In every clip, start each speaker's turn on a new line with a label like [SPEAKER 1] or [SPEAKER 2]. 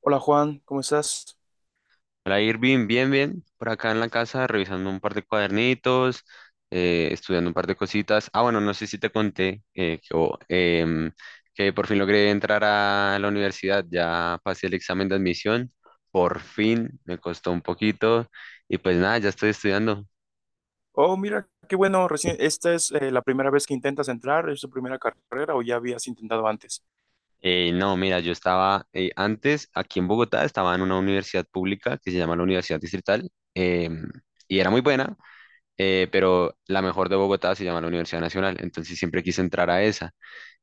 [SPEAKER 1] Hola Juan, ¿cómo estás?
[SPEAKER 2] Hola Irving, bien, bien. Por acá en la casa revisando un par de cuadernitos, estudiando un par de cositas. Ah, bueno, no sé si te conté que por fin logré entrar a la universidad. Ya pasé el examen de admisión. Por fin, me costó un poquito. Y pues nada, ya estoy estudiando.
[SPEAKER 1] Oh, mira, qué bueno, recién, esta es la primera vez que intentas entrar, ¿es tu primera carrera o ya habías intentado antes?
[SPEAKER 2] No, mira, yo estaba antes aquí en Bogotá, estaba en una universidad pública que se llama la Universidad Distrital. Y era muy buena, pero la mejor de Bogotá se llama la Universidad Nacional, entonces siempre quise entrar a esa.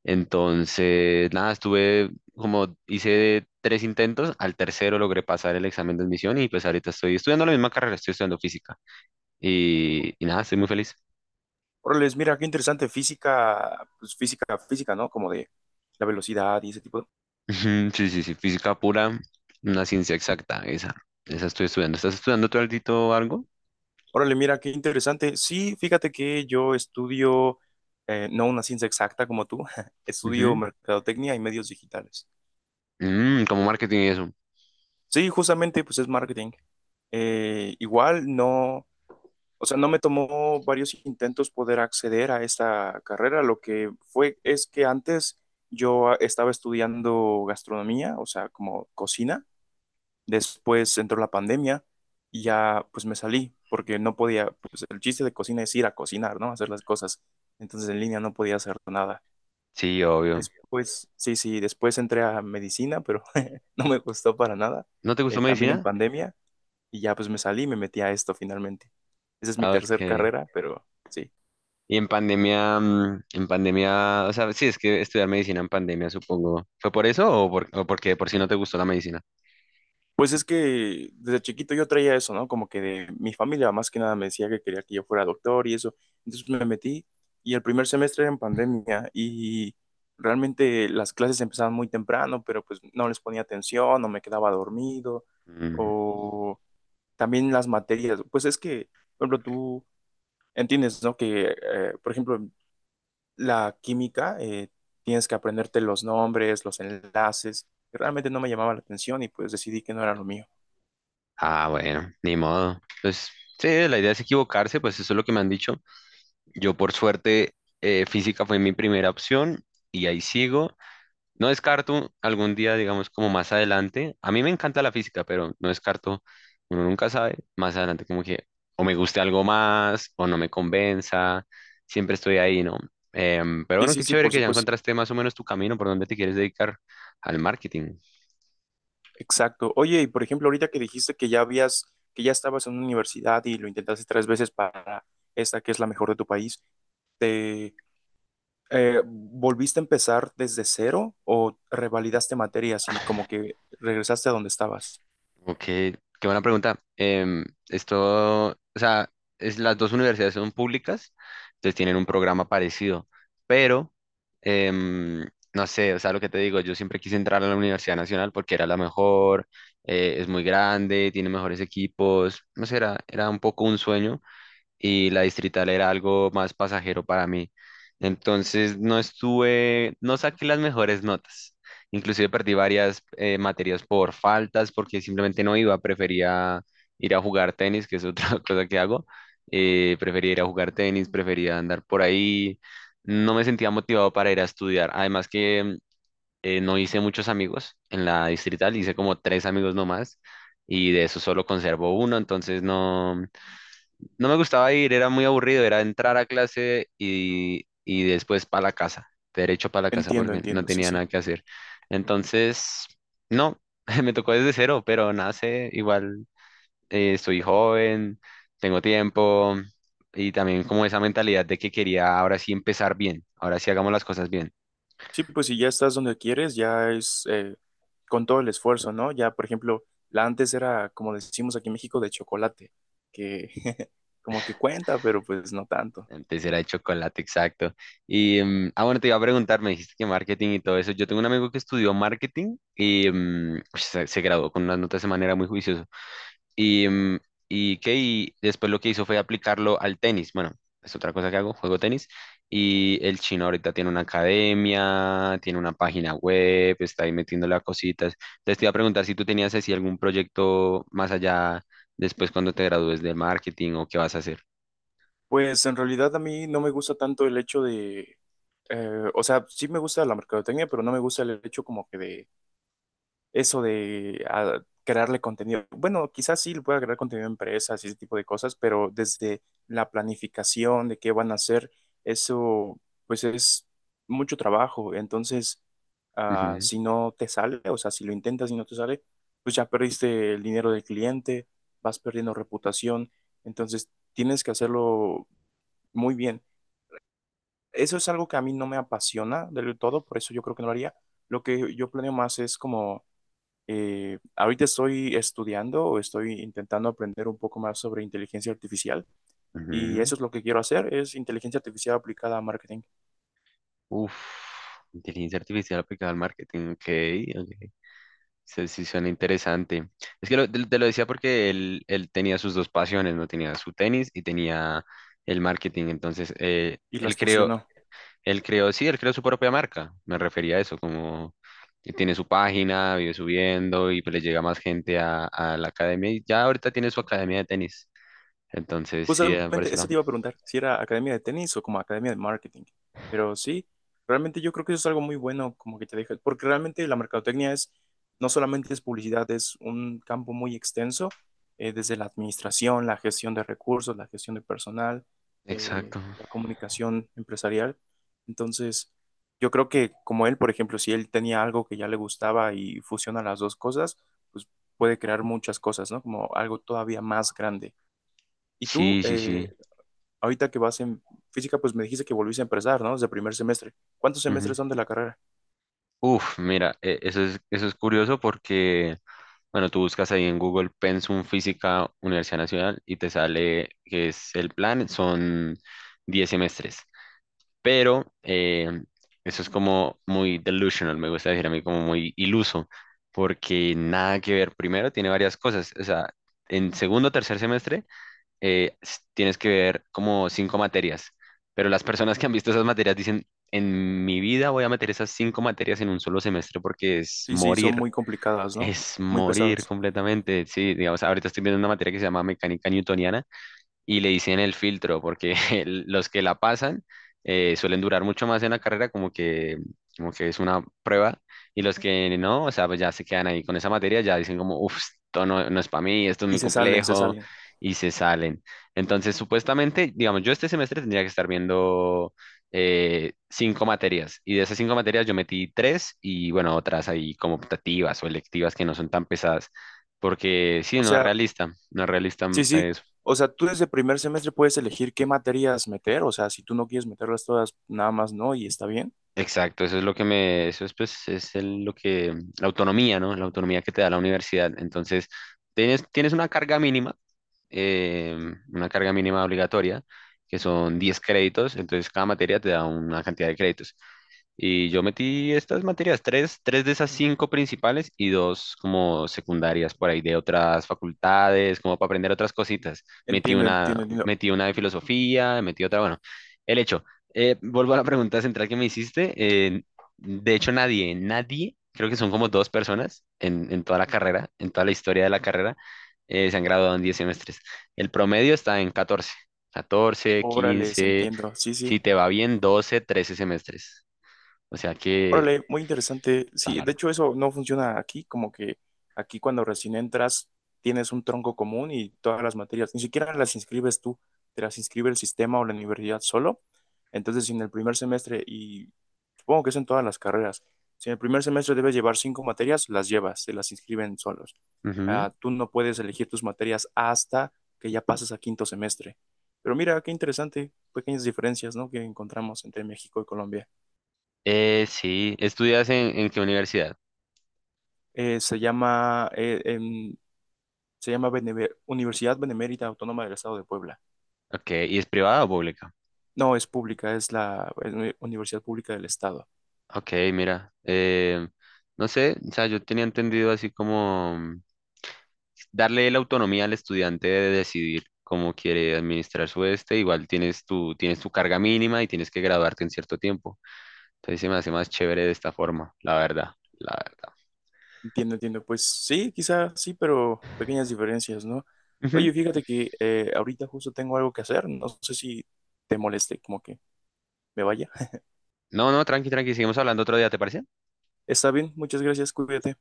[SPEAKER 2] Entonces, nada, estuve como hice tres intentos, al tercero logré pasar el examen de admisión y pues ahorita estoy estudiando la misma carrera, estoy estudiando física y nada, estoy muy feliz.
[SPEAKER 1] Órale, mira, qué interesante, física, pues física, ¿no? Como de la velocidad y ese tipo de...
[SPEAKER 2] Ujú, sí, sí, sí, física pura, una ciencia exacta, esa estoy estudiando. ¿Estás estudiando tú altito algo?
[SPEAKER 1] Órale, mira, qué interesante. Sí, fíjate que yo estudio, no una ciencia exacta como tú, estudio
[SPEAKER 2] Ujú.
[SPEAKER 1] mercadotecnia y medios digitales.
[SPEAKER 2] Mm, como marketing y eso.
[SPEAKER 1] Sí, justamente, pues es marketing. Igual, no... O sea, no me tomó varios intentos poder acceder a esta carrera. Lo que fue es que antes yo estaba estudiando gastronomía, o sea, como cocina. Después entró la pandemia y ya pues me salí porque no podía, pues el chiste de cocina es ir a cocinar, ¿no? Hacer las cosas. Entonces en línea no podía hacer nada.
[SPEAKER 2] Sí, obvio.
[SPEAKER 1] Después, sí, después entré a medicina, pero no me gustó para nada.
[SPEAKER 2] ¿No te gustó
[SPEAKER 1] También en
[SPEAKER 2] medicina?
[SPEAKER 1] pandemia. Y ya pues me salí y me metí a esto finalmente. Esa es mi
[SPEAKER 2] Ah,
[SPEAKER 1] tercer
[SPEAKER 2] ok.
[SPEAKER 1] carrera, pero sí.
[SPEAKER 2] Y en pandemia, en pandemia, o sea, sí, es que estudiar medicina en pandemia, supongo. ¿Fue por eso o porque de por si no te gustó la medicina?
[SPEAKER 1] Pues es que desde chiquito yo traía eso, ¿no? Como que de mi familia más que nada me decía que quería que yo fuera doctor y eso. Entonces me metí y el primer semestre era en pandemia y realmente las clases empezaban muy temprano, pero pues no les ponía atención o me quedaba dormido
[SPEAKER 2] Mm.
[SPEAKER 1] o también las materias. Pues es que, por ejemplo, tú entiendes, ¿no? Que, por ejemplo, la química, tienes que aprenderte los nombres, los enlaces. Realmente no me llamaba la atención y pues decidí que no era lo mío.
[SPEAKER 2] Ah, bueno, ni modo. Pues sí, la idea es equivocarse, pues eso es lo que me han dicho. Yo por suerte, física fue mi primera opción y ahí sigo. No descarto algún día, digamos, como más adelante. A mí me encanta la física, pero no descarto, uno nunca sabe, más adelante como que o me guste algo más o no me convenza. Siempre estoy ahí, ¿no? Pero
[SPEAKER 1] Sí,
[SPEAKER 2] bueno,
[SPEAKER 1] sí,
[SPEAKER 2] qué
[SPEAKER 1] sí,
[SPEAKER 2] chévere
[SPEAKER 1] por
[SPEAKER 2] que ya
[SPEAKER 1] supuesto.
[SPEAKER 2] encontraste más o menos tu camino por donde te quieres dedicar al marketing.
[SPEAKER 1] Exacto. Oye, y por ejemplo, ahorita que dijiste que ya habías, que ya estabas en una universidad y lo intentaste tres veces para esta que es la mejor de tu país, ¿te volviste a empezar desde cero o revalidaste materias y como que regresaste a donde estabas?
[SPEAKER 2] Ok, qué buena pregunta. Esto, o sea, las dos universidades son públicas, entonces tienen un programa parecido, pero em, no sé, o sea, lo que te digo, yo siempre quise entrar a la Universidad Nacional porque era la mejor, es muy grande, tiene mejores equipos, no sé, era un poco un sueño y la distrital era algo más pasajero para mí. Entonces no estuve, no saqué las mejores notas. Inclusive perdí varias materias por faltas porque simplemente no iba, prefería ir a jugar tenis, que es otra cosa que hago. Prefería ir a jugar tenis, prefería andar por ahí. No me sentía motivado para ir a estudiar. Además que no hice muchos amigos en la distrital, hice como tres amigos nomás y de eso solo conservo uno, entonces no, no me gustaba ir, era muy aburrido, era entrar a clase y después para la casa, derecho para la casa
[SPEAKER 1] Entiendo,
[SPEAKER 2] porque no
[SPEAKER 1] entiendo, sí,
[SPEAKER 2] tenía
[SPEAKER 1] sí.
[SPEAKER 2] nada que hacer. Entonces, no, me tocó desde cero, pero nada sé, igual estoy joven, tengo tiempo y también como esa mentalidad de que quería ahora sí empezar bien, ahora sí hagamos las cosas bien.
[SPEAKER 1] Sí, pues si ya estás donde quieres, ya es con todo el esfuerzo, ¿no? Ya, por ejemplo, la antes era, como decimos aquí en México, de chocolate, que como que cuenta, pero pues no tanto.
[SPEAKER 2] Antes era de chocolate, exacto. Ah, bueno, te iba a preguntar, me dijiste que marketing y todo eso. Yo tengo un amigo que estudió marketing y se graduó con unas notas de manera muy juiciosa. Y, mm, y, ¿qué? Y después lo que hizo fue aplicarlo al tenis. Bueno, es otra cosa que hago, juego tenis. Y el chino ahorita tiene una academia, tiene una página web, está ahí metiéndole a cositas. Entonces te iba a preguntar si tú tenías así algún proyecto más allá después cuando te gradúes de marketing o qué vas a hacer.
[SPEAKER 1] Pues en realidad a mí no me gusta tanto el hecho de, o sea, sí me gusta la mercadotecnia, pero no me gusta el hecho como que de eso de ah, crearle contenido. Bueno, quizás sí le pueda crear contenido a empresas y ese tipo de cosas, pero desde la planificación de qué van a hacer, eso pues es mucho trabajo. Entonces, ah,
[SPEAKER 2] Ujú,
[SPEAKER 1] si no te sale, o sea, si lo intentas y no te sale, pues ya perdiste el dinero del cliente, vas perdiendo reputación. Entonces, tienes que hacerlo muy bien. Eso es algo que a mí no me apasiona del todo, por eso yo creo que no lo haría. Lo que yo planeo más es como ahorita estoy estudiando o estoy intentando aprender un poco más sobre inteligencia artificial y
[SPEAKER 2] ujú.
[SPEAKER 1] eso es lo que quiero hacer, es inteligencia artificial aplicada a marketing
[SPEAKER 2] Uf, inteligencia artificial aplicada al marketing. Ok, ok. Sí, sí suena interesante. Es que te lo decía porque él tenía sus dos pasiones, ¿no? Tenía su tenis y tenía el marketing. Entonces,
[SPEAKER 1] y
[SPEAKER 2] él
[SPEAKER 1] las
[SPEAKER 2] creó,
[SPEAKER 1] fusiono.
[SPEAKER 2] él creó, sí, él creó su propia marca. Me refería a eso, como que tiene su página, vive subiendo y pues le llega más gente a la academia. Y ya ahorita tiene su academia de tenis. Entonces, sí, por
[SPEAKER 1] Justamente
[SPEAKER 2] ese
[SPEAKER 1] eso
[SPEAKER 2] lado.
[SPEAKER 1] te iba a preguntar, si era academia de tenis o como academia de marketing. Pero sí, realmente yo creo que eso es algo muy bueno, como que te deja, porque realmente la mercadotecnia es, no solamente es publicidad, es un campo muy extenso, desde la administración, la gestión de recursos, la gestión de personal,
[SPEAKER 2] Exacto.
[SPEAKER 1] la comunicación empresarial. Entonces, yo creo que como él, por ejemplo, si él tenía algo que ya le gustaba y fusiona las dos cosas, pues puede crear muchas cosas, ¿no? Como algo todavía más grande. ¿Y tú,
[SPEAKER 2] Sí, sí, sí.
[SPEAKER 1] ahorita que vas en física, pues me dijiste que volviste a empezar, ¿no? Desde primer semestre. ¿Cuántos semestres son de la carrera?
[SPEAKER 2] Uf, mira, eso es curioso porque, bueno, tú buscas ahí en Google Pensum Física Universidad Nacional y te sale que es el plan, son 10 semestres, pero eso es como muy delusional, me gusta decir a mí como muy iluso, porque nada que ver, primero tiene varias cosas, o sea, en segundo o tercer semestre tienes que ver como cinco materias, pero las personas que han visto esas materias dicen, en mi vida voy a meter esas cinco materias en un solo semestre porque es
[SPEAKER 1] Sí, sí, son
[SPEAKER 2] morir,
[SPEAKER 1] muy complicadas, ¿no?
[SPEAKER 2] es
[SPEAKER 1] Muy
[SPEAKER 2] morir
[SPEAKER 1] pesadas.
[SPEAKER 2] completamente. Sí, digamos, ahorita estoy viendo una materia que se llama mecánica newtoniana y le dicen el filtro, porque los que la pasan suelen durar mucho más en la carrera, como que, es una prueba, y los que no, o sea, pues ya se quedan ahí con esa materia, ya dicen como, uff, esto no, no es para mí, esto es
[SPEAKER 1] Y
[SPEAKER 2] muy
[SPEAKER 1] se salen, se
[SPEAKER 2] complejo,
[SPEAKER 1] salen.
[SPEAKER 2] y se salen. Entonces, supuestamente, digamos, yo este semestre tendría que estar viendo cinco materias, y de esas cinco materias yo metí tres, y bueno, otras ahí como optativas o electivas que no son tan pesadas. Porque sí,
[SPEAKER 1] O
[SPEAKER 2] no es
[SPEAKER 1] sea,
[SPEAKER 2] realista, no es realista, mm,
[SPEAKER 1] sí, sí.
[SPEAKER 2] eh,
[SPEAKER 1] O sea, tú desde primer semestre puedes elegir qué materias meter. O sea, si tú no quieres meterlas todas, nada más no, y está bien.
[SPEAKER 2] Exacto, eso es lo que me, eso es pues, lo que, la autonomía, ¿no? La autonomía que te da la universidad. Entonces, tienes eh, una carga mínima obligatoria, que son 10 créditos, entonces cada materia te da una cantidad de créditos. Y yo metí estas materias, tres de esas cinco principales y dos como secundarias por ahí de otras facultades, como para aprender otras cositas. Metí
[SPEAKER 1] Entiendo,
[SPEAKER 2] una,
[SPEAKER 1] entiendo, entiendo.
[SPEAKER 2] metí una de filosofía, metí otra, bueno, el hecho. Vuelvo a la pregunta central que me hiciste. De hecho, nadie, nadie, creo que son como dos personas en toda la carrera, en toda la historia de la carrera, se han graduado en 10 semestres. El promedio está en 14 14
[SPEAKER 1] Órales,
[SPEAKER 2] 15
[SPEAKER 1] entiendo. Sí, sí.
[SPEAKER 2] si te va bien, 12 13 semestres. O sea que
[SPEAKER 1] Órale, muy interesante.
[SPEAKER 2] está
[SPEAKER 1] Sí, de
[SPEAKER 2] largo.
[SPEAKER 1] hecho eso no funciona aquí, como que aquí cuando recién entras tienes un tronco común y todas las materias, ni siquiera las inscribes tú, te las inscribe el sistema o la universidad solo. Entonces, si en el primer semestre, y supongo que es en todas las carreras, si en el primer semestre debes llevar cinco materias, las llevas, se las inscriben solos.
[SPEAKER 2] Ujú.
[SPEAKER 1] Ah, tú no puedes elegir tus materias hasta que ya pases a quinto semestre. Pero mira, qué interesante, pequeñas diferencias, ¿no? Que encontramos entre México y Colombia.
[SPEAKER 2] Sí, ¿estudias en qué universidad?
[SPEAKER 1] Se llama, se llama Beneve- Universidad Benemérita Autónoma del Estado de Puebla.
[SPEAKER 2] Ok, ¿y es privada o pública?
[SPEAKER 1] No, es pública, es la es una Universidad Pública del Estado.
[SPEAKER 2] Ok, mira, no sé, o sea, yo tenía entendido así como darle la autonomía al estudiante de decidir cómo quiere administrar su este, igual tienes tu, carga mínima y tienes que graduarte en cierto tiempo. Entonces se me hace más chévere de esta forma, la verdad, la verdad.
[SPEAKER 1] Entiendo, entiendo. Pues sí, quizás sí, pero pequeñas diferencias, ¿no?
[SPEAKER 2] Ujú.
[SPEAKER 1] Oye, fíjate que ahorita justo tengo algo que hacer. No sé si te moleste, como que me vaya.
[SPEAKER 2] No, no, tranqui, tranqui, seguimos hablando otro día, ¿te parece?
[SPEAKER 1] Está bien, muchas gracias, cuídate.